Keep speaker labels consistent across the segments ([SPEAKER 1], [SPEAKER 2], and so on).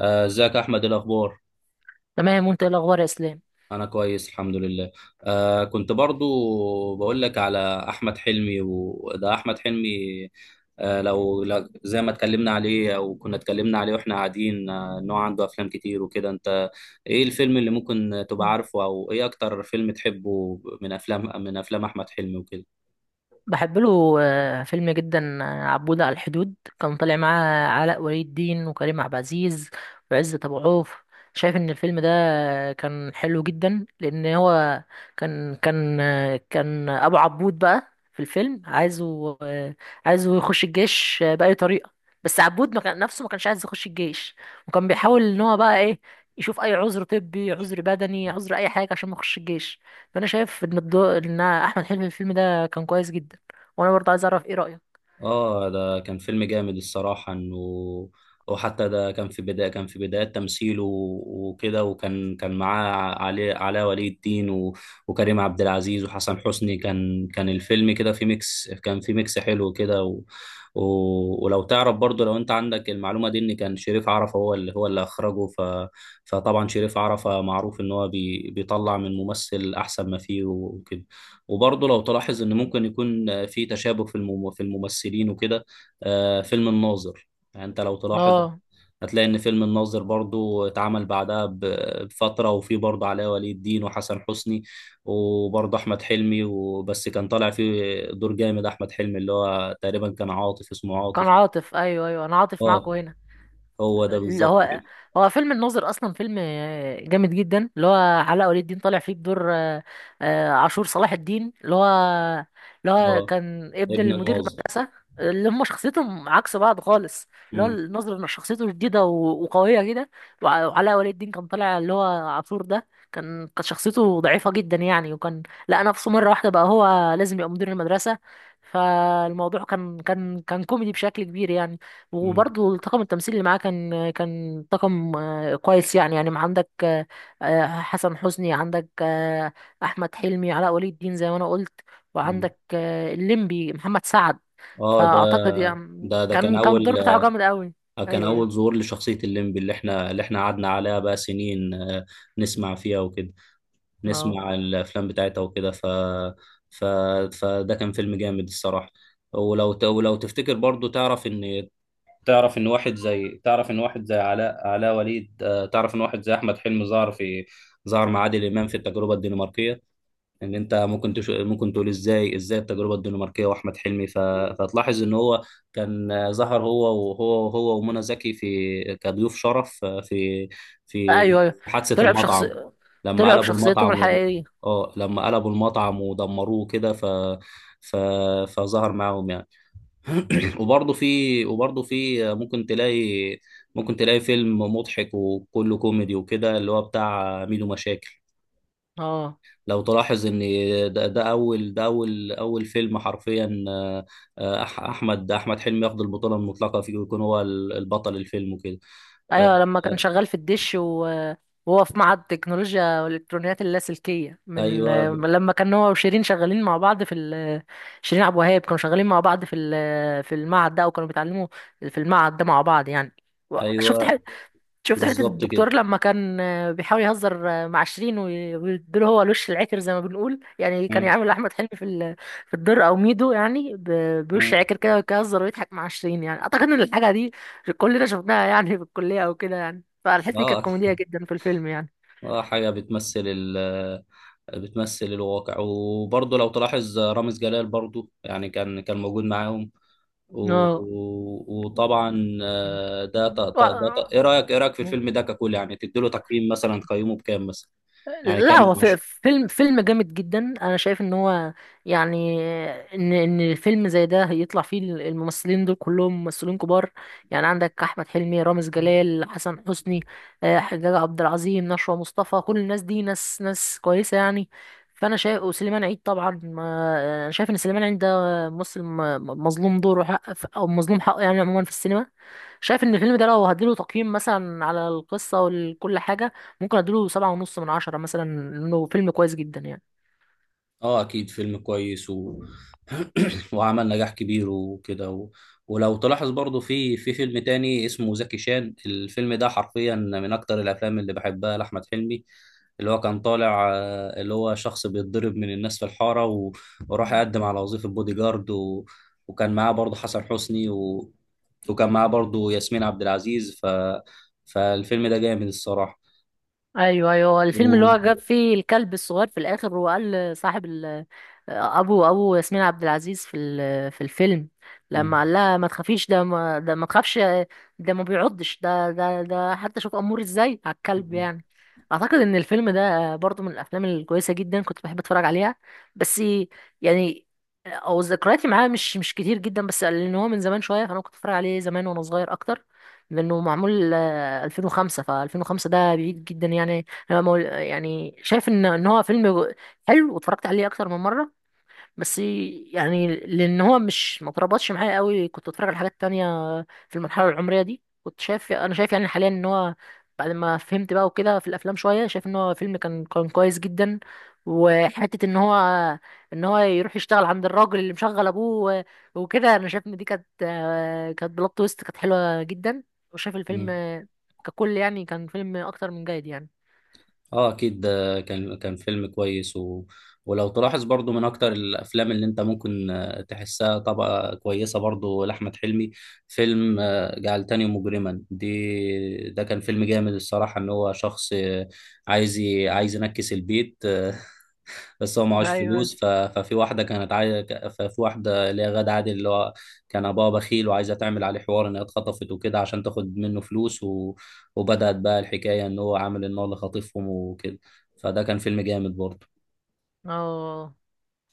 [SPEAKER 1] ازيك يا احمد؟ إيه الاخبار؟
[SPEAKER 2] تمام وانت ايه الاخبار يا اسلام.
[SPEAKER 1] انا كويس، الحمد لله. كنت برضو بقول لك على احمد حلمي. وده احمد حلمي. زي ما اتكلمنا عليه او كنا اتكلمنا عليه واحنا قاعدين، ان هو عنده افلام كتير وكده. انت ايه الفيلم اللي ممكن تبقى
[SPEAKER 2] مم.
[SPEAKER 1] عارفه؟ او ايه اكتر فيلم تحبه من افلام احمد حلمي وكده؟
[SPEAKER 2] بحب له فيلم جدا عبود على الحدود. كان طالع معاه علاء ولي الدين وكريم عبد العزيز وعزت ابو عوف. شايف ان الفيلم ده كان حلو جدا لان هو كان كان كان ابو عبود بقى في الفيلم عايزه يخش الجيش باي طريقه، بس عبود ما كان نفسه، ما كانش عايز يخش الجيش، وكان بيحاول ان هو بقى ايه، يشوف اي عذر طبي، عذر بدني، عذر اي حاجه عشان ما يخش الجيش. فانا شايف ان ان احمد حلمي في الفيلم ده كان كويس جدا، وانا برضه عايز اعرف ايه رايك.
[SPEAKER 1] اه، ده كان فيلم جامد الصراحة، انه وحتى ده كان في بداية تمثيله وكده. وكان كان معاه علاء ولي الدين وكريم عبد العزيز وحسن حسني. كان الفيلم كده في ميكس، حلو كده. ولو تعرف برضو، لو انت عندك المعلومة دي، ان كان شريف عرفة هو اللي اخرجه. فطبعا شريف عرفة معروف ان هو بيطلع من ممثل احسن ما فيه وكده. وبرضه لو تلاحظ ان ممكن يكون في تشابه في الممثلين وكده. فيلم الناظر، يعني انت لو تلاحظ
[SPEAKER 2] اه،
[SPEAKER 1] هتلاقي ان فيلم الناظر برضه اتعمل بعدها بفتره، وفي برضه علاء ولي الدين وحسن حسني وبرضه احمد حلمي. وبس كان طالع فيه دور جامد، احمد حلمي اللي هو تقريبا كان عاطف، اسمه
[SPEAKER 2] كان
[SPEAKER 1] عاطف.
[SPEAKER 2] عاطف، ايوه ايوه، انا عاطف معاكم
[SPEAKER 1] اه،
[SPEAKER 2] هنا.
[SPEAKER 1] هو ده
[SPEAKER 2] اللي
[SPEAKER 1] بالظبط
[SPEAKER 2] هو،
[SPEAKER 1] كده.
[SPEAKER 2] هو فيلم الناظر اصلا فيلم جامد جدا، اللي هو علاء ولي الدين طالع فيه بدور عاشور صلاح الدين، اللي هو
[SPEAKER 1] اه،
[SPEAKER 2] كان ابن
[SPEAKER 1] ابن
[SPEAKER 2] المدير
[SPEAKER 1] الناظر.
[SPEAKER 2] المدرسه. اللي هم شخصيتهم عكس بعض خالص، اللي هو
[SPEAKER 1] مم.
[SPEAKER 2] الناظر شخصيته شديده وقويه كده. وعلاء ولي الدين كان طالع اللي هو عاشور ده، كانت شخصيته ضعيفه جدا يعني، وكان لقى نفسه مره واحده بقى هو لازم يبقى مدير المدرسه. فالموضوع كان كوميدي بشكل كبير يعني.
[SPEAKER 1] مم.
[SPEAKER 2] وبرضه طاقم التمثيل اللي معاه كان طاقم كويس يعني، يعني ما عندك، حسن حسني، عندك احمد حلمي، علاء ولي الدين زي ما انا قلت،
[SPEAKER 1] مم.
[SPEAKER 2] وعندك الليمبي محمد سعد.
[SPEAKER 1] اه، ده
[SPEAKER 2] فاعتقد يعني
[SPEAKER 1] ده ده كان
[SPEAKER 2] كان
[SPEAKER 1] اول،
[SPEAKER 2] الدور بتاعه جامد قوي.
[SPEAKER 1] كان
[SPEAKER 2] ايوه
[SPEAKER 1] أول
[SPEAKER 2] ايوه.
[SPEAKER 1] ظهور لشخصية الليمبي، اللي احنا قعدنا عليها بقى سنين. نسمع فيها وكده،
[SPEAKER 2] اه،
[SPEAKER 1] نسمع الأفلام بتاعتها وكده. ف... فده كان فيلم جامد الصراحة. ولو تفتكر برضو، تعرف إن، تعرف إن واحد زي علاء علاء وليد آه، تعرف إن واحد زي أحمد حلمي ظهر مع عادل إمام في التجربة الدنماركية. ان انت ممكن تقول ازاي التجربه الدنماركيه واحمد حلمي؟ فتلاحظ ان هو كان ظهر هو ومنى زكي في كضيوف شرف في
[SPEAKER 2] ايوه ايوه.
[SPEAKER 1] حادثه
[SPEAKER 2] طلع بشخص
[SPEAKER 1] المطعم. لما
[SPEAKER 2] طلع
[SPEAKER 1] قلبوا
[SPEAKER 2] بشخصيتهم
[SPEAKER 1] المطعم و...
[SPEAKER 2] الحقيقيه.
[SPEAKER 1] اه لما قلبوا المطعم ودمروه كده. ف... فظهر معاهم يعني. وبرضه في ممكن تلاقي فيلم مضحك وكله كوميدي وكده، اللي هو بتاع ميدو مشاكل.
[SPEAKER 2] اه،
[SPEAKER 1] لو تلاحظ ان ده اول فيلم حرفيا، احمد حلمي ياخد البطوله المطلقه فيه، ويكون هو البطل الفيلم وكده. آه،
[SPEAKER 2] ايوه، لما كان
[SPEAKER 1] آه،
[SPEAKER 2] شغال في الدش، وهو في معهد تكنولوجيا والالكترونيات اللاسلكيه من
[SPEAKER 1] ايوه،
[SPEAKER 2] لما كان هو وشيرين شغالين مع بعض في شيرين عبد الوهاب، كانوا شغالين مع بعض في في المعهد ده، او كانوا بيتعلموا في المعهد ده مع بعض يعني. و- شفت
[SPEAKER 1] ايوه،
[SPEAKER 2] شفت حتة
[SPEAKER 1] بالظبط كده.
[SPEAKER 2] الدكتور لما كان بيحاول يهزر مع شيرين، ويديله هو الوش العكر زي ما بنقول، يعني كان
[SPEAKER 1] مم،
[SPEAKER 2] يعمل أحمد حلمي في في الدور أو ميدو يعني، بوش
[SPEAKER 1] مم.
[SPEAKER 2] عكر كده، ويهزر ويضحك مع شيرين. يعني أعتقد إن الحاجة دي كلنا شفناها يعني في الكلية أو كده يعني، فالحتة دي كانت
[SPEAKER 1] اه،
[SPEAKER 2] كوميدية جدا في الفيلم يعني.
[SPEAKER 1] اه، حاجه بتمثل الواقع. وبرضه لو تلاحظ رامز جلال برضه يعني كان موجود معاهم.
[SPEAKER 2] اه.
[SPEAKER 1] وطبعا، آه، ده ت- ت- ده ت- ايه رايك في
[SPEAKER 2] و...
[SPEAKER 1] الفيلم ده ككل؟ يعني تديله تقييم مثلا، تقيمه بكام مثلا، يعني
[SPEAKER 2] لا،
[SPEAKER 1] كام من
[SPEAKER 2] هو
[SPEAKER 1] 10؟
[SPEAKER 2] فيلم جامد جدا، انا شايف ان هو يعني، ان فيلم زي ده يطلع فيه الممثلين دول كلهم ممثلين كبار يعني، عندك احمد حلمي، رامز جلال، حسن حسني، حجاج عبد العظيم، نشوى مصطفى، كل الناس دي ناس ناس كويسه يعني. فانا شايف، وسليمان عيد طبعا انا شايف ان سليمان عيد ده ممثل مظلوم دوره حق، او مظلوم حقه يعني، عموما في السينما. شايف ان الفيلم ده لو هديله تقييم مثلا على القصه وكل حاجه، ممكن اديله سبعة ونص من عشرة مثلا، لانه فيلم كويس جدا يعني.
[SPEAKER 1] اه، اكيد فيلم كويس. و... وعمل نجاح كبير وكده. ولو تلاحظ برضو في فيلم تاني اسمه زكي شان. الفيلم ده حرفيا من اكتر الافلام اللي بحبها لاحمد حلمي، اللي هو كان طالع، اللي هو شخص بيتضرب من الناس في الحارة، وراح يقدم على وظيفة بودي جارد، وكان معاه برضو حسن حسني، وكان معاه برضو ياسمين عبد العزيز. فالفيلم ده جامد الصراحة.
[SPEAKER 2] ايوه ايوه.
[SPEAKER 1] و...
[SPEAKER 2] الفيلم اللي هو جاب فيه الكلب الصغير في الاخر، وقال لصاحب ابو ياسمين عبد العزيز في في الفيلم، لما
[SPEAKER 1] م-
[SPEAKER 2] قال لها ما تخافيش، ده ما تخافش، ده ما بيعضش، ده حتى شوف امور ازاي على الكلب يعني. اعتقد ان الفيلم ده برضو من الافلام الكويسه جدا، كنت بحب اتفرج عليها، بس يعني، او ذكرياتي معاه مش كتير جدا، بس لان هو من زمان شويه، فانا كنت اتفرج عليه زمان وانا صغير اكتر، لانه معمول 2005. ف 2005 ده بعيد جدا يعني، انا يعني شايف ان هو فيلم حلو، واتفرجت عليه اكتر من مره. بس يعني، لان هو مش، ما تربطش معايا قوي، كنت اتفرج على حاجات تانية في المرحله العمريه دي. كنت شايف، انا شايف يعني حاليا، ان هو بعد ما فهمت بقى وكده في الافلام شويه، شايف ان هو فيلم كان كويس جدا. وحته ان هو، ان هو يروح يشتغل عند الراجل اللي مشغل ابوه وكده، انا شايف ان دي كانت، كانت بلوت تويست كانت حلوه جدا. وشايف الفيلم
[SPEAKER 1] م-
[SPEAKER 2] ككل يعني كان فيلم اكتر من جيد يعني.
[SPEAKER 1] اه، اكيد ده كان فيلم كويس. ولو تلاحظ برضو من اكتر الافلام اللي انت ممكن تحسها طبقة كويسة برضو لاحمد حلمي، فيلم جعلتني مجرما دي. ده كان فيلم جامد الصراحة، ان هو شخص عايز ينكس البيت، بس هو معهوش
[SPEAKER 2] ايوه.
[SPEAKER 1] فلوس. ف... ففي واحده كانت عايزه ك- ففي واحده اللي هي غادة عادل، اللي هو كان ابوها بخيل، وعايزه تعمل عليه حوار ان هي اتخطفت وكده عشان تاخد منه فلوس. وبدات بقى الحكايه ان هو عامل ان هو اللي خاطفهم وكده. فده كان فيلم جامد برضه.
[SPEAKER 2] اه.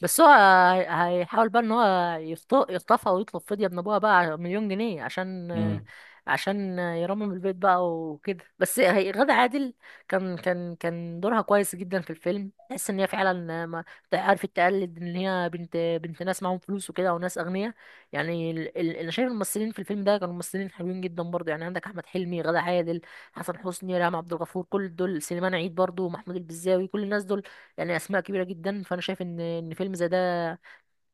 [SPEAKER 2] بس هو هيحاول بقى ان هو يخطفها ويطلب فدية من ابوها بقى مليون جنيه عشان،
[SPEAKER 1] مم.
[SPEAKER 2] عشان يرمم البيت بقى وكده. بس هي غادة عادل كان دورها كويس جدا في الفيلم، تحس ان هي فعلا ما عرفت تقلد ان هي بنت، بنت ناس معاهم فلوس وكده، وناس اغنياء يعني. انا شايف الممثلين في الفيلم ده كانوا ممثلين حلوين جدا برضه، يعني عندك احمد حلمي، غادة عادل، حسن حسني، ريهام عبد الغفور، كل دول، سليمان عيد برضه، محمود البزاوي، كل الناس دول يعني اسماء كبيره جدا. فانا شايف ان فيلم زي ده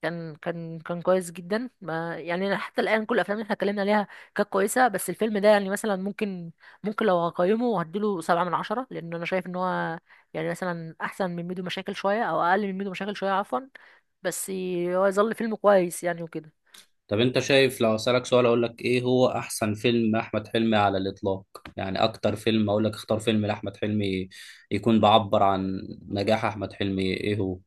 [SPEAKER 2] كان كويس جدا، ما يعني أنا حتى الان كل الافلام اللي احنا اتكلمنا عليها كانت كويسه، بس الفيلم ده يعني مثلا ممكن، لو هقيمه هديله سبعة من عشرة، لان انا شايف ان هو يعني، مثلا احسن من ميدو مشاكل شويه، او اقل من ميدو مشاكل شويه عفوا. بس هو يظل فيلم كويس يعني وكده.
[SPEAKER 1] طب انت شايف، لو اسالك سؤال، اقول لك ايه هو احسن فيلم احمد حلمي على الاطلاق؟ يعني اكتر فيلم، اقول لك اختار فيلم لاحمد حلمي يكون بعبر عن نجاح احمد حلمي، ايه هو؟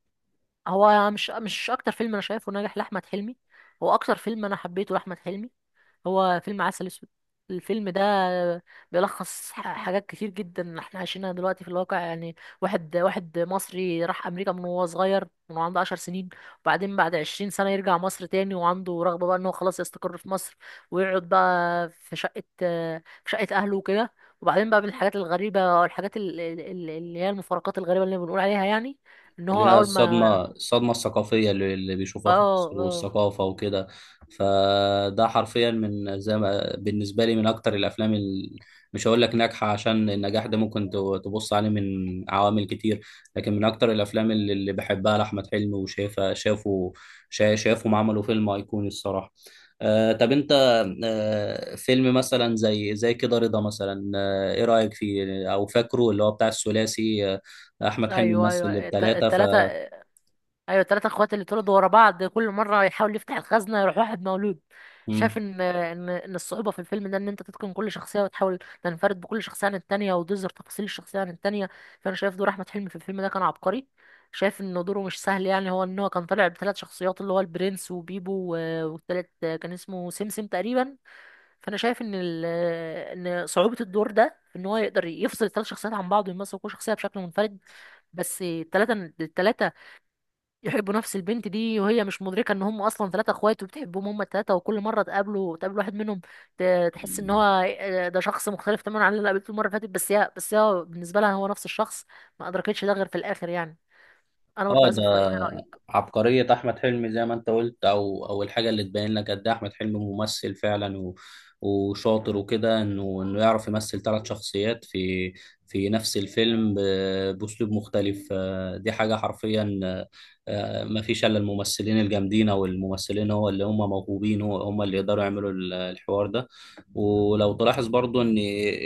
[SPEAKER 2] هو مش اكتر فيلم انا شايفه ناجح لاحمد حلمي، هو اكتر فيلم انا حبيته لاحمد حلمي، هو فيلم عسل اسود. الفيلم ده بيلخص حاجات كتير جدا احنا عايشينها دلوقتي في الواقع، يعني واحد مصري راح امريكا من وهو صغير، من وهو عنده 10 سنين، وبعدين بعد 20 سنة يرجع مصر تاني، وعنده رغبة بقى ان هو خلاص يستقر في مصر، ويقعد بقى في شقة، في شقة اهله وكده. وبعدين بقى من الحاجات الغريبة، او الحاجات اللي هي المفارقات الغريبة اللي بنقول عليها يعني، ان
[SPEAKER 1] اللي
[SPEAKER 2] هو
[SPEAKER 1] هي
[SPEAKER 2] اول ما.
[SPEAKER 1] الصدمة الثقافية اللي بيشوفها في
[SPEAKER 2] اه،
[SPEAKER 1] مصر،
[SPEAKER 2] اه،
[SPEAKER 1] والثقافة وكده. فده حرفيا، من زي ما بالنسبة لي، من أكتر الأفلام. مش هقول لك ناجحة، عشان النجاح ده ممكن تبص عليه من عوامل كتير، لكن من أكتر الأفلام اللي بحبها لأحمد حلمي وشايفها، شافهم عملوا فيلم أيقوني الصراحة. آه طب أنت آه فيلم مثلا زي كده رضا مثلا، إيه رأيك فيه؟ أو فاكره اللي هو بتاع الثلاثي؟ احمد حلمي
[SPEAKER 2] ايوه
[SPEAKER 1] مثل
[SPEAKER 2] ايوه.
[SPEAKER 1] الثلاثه.
[SPEAKER 2] التلاتة، ايوه، التلاتة اخوات اللي اتولدوا ورا بعض، كل مره يحاول يفتح الخزنه يروح واحد مولود. شايف
[SPEAKER 1] مم.
[SPEAKER 2] ان الصعوبه في الفيلم ده، ان انت تتقن كل شخصيه وتحاول تنفرد بكل شخصيه عن التانية، وتظهر تفاصيل الشخصيه عن التانية. فانا شايف دور احمد حلمي في الفيلم ده كان عبقري، شايف ان دوره مش سهل يعني، هو ان هو كان طالع بثلاث شخصيات، اللي هو البرنس وبيبو والتالت كان اسمه سمسم تقريبا. فانا شايف ان صعوبه الدور ده في ان هو يقدر يفصل الثلاث شخصيات عن بعض ويمثل كل شخصيه بشكل منفرد. بس الثلاثه يحبوا نفس البنت دي، وهي مش مدركه ان هم اصلا ثلاثه اخوات وبتحبهم هم الثلاثه، وكل مره تقابله تقابل واحد منهم، تحس ان هو ده شخص مختلف تماما عن اللي قابلته المره اللي فاتت. بس هي، بالنسبه لها هو نفس الشخص، ما ادركتش ده غير في الاخر يعني. انا برضه
[SPEAKER 1] اه،
[SPEAKER 2] عايز اعرف رايك، إيه
[SPEAKER 1] ده
[SPEAKER 2] رأيك؟
[SPEAKER 1] عبقريه احمد حلمي زي ما انت قلت، او الحاجه اللي تبين لك قد ايه احمد حلمي ممثل فعلا و... وشاطر وكده. انه يعرف يمثل ثلاث شخصيات في نفس الفيلم باسلوب مختلف. دي حاجه حرفيا، ما فيش الا الممثلين الجامدين او الممثلين هو اللي هم موهوبين، هو هم اللي يقدروا يعملوا الحوار ده. ولو تلاحظ برضو ان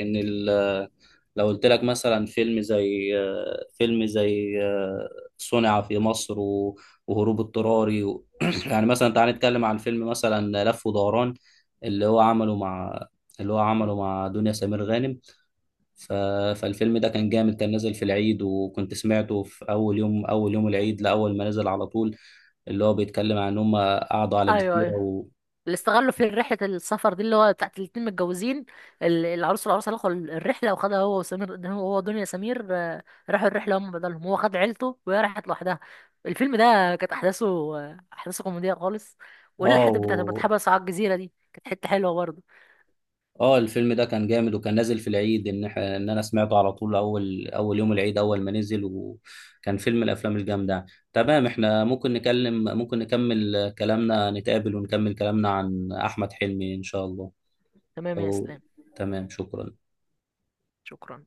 [SPEAKER 1] ان لو قلت لك مثلا، فيلم زي صنع في مصر، وهروب اضطراري. يعني مثلا تعال نتكلم عن فيلم مثلا لف ودوران، اللي هو عمله مع اللي هو
[SPEAKER 2] م.
[SPEAKER 1] عمله مع دنيا سمير غانم. ف... فالفيلم ده كان جامد، كان نازل في العيد، وكنت سمعته في اول يوم العيد، لاول ما نزل على طول. اللي هو بيتكلم عن ان هم قعدوا على
[SPEAKER 2] ايوه
[SPEAKER 1] جزيرة.
[SPEAKER 2] ايوه. اللي استغلوا في رحلة السفر دي، اللي هو بتاعت الاتنين متجوزين، العروس والعروسة اللي اخدوا الرحلة، وخدها هو وسمير، هو دنيا سمير راحوا الرحلة هم بدلهم، هو خد عيلته وهي راحت لوحدها. الفيلم ده كانت أحداثه، أحداثه كوميدية خالص، ولا الحتة بتاعت لما
[SPEAKER 1] اه،
[SPEAKER 2] اتحبسوا على الجزيرة دي كانت حتة حلوة برضه.
[SPEAKER 1] اه، الفيلم ده كان جامد، وكان نازل في العيد. ان انا سمعته على طول، اول يوم العيد، اول ما نزل، وكان فيلم من الافلام الجامده. تمام، احنا ممكن نكمل كلامنا. نتقابل ونكمل كلامنا عن احمد حلمي ان شاء الله.
[SPEAKER 2] تمام يا
[SPEAKER 1] أو...
[SPEAKER 2] إسلام.
[SPEAKER 1] تمام، شكرا.
[SPEAKER 2] شكرا.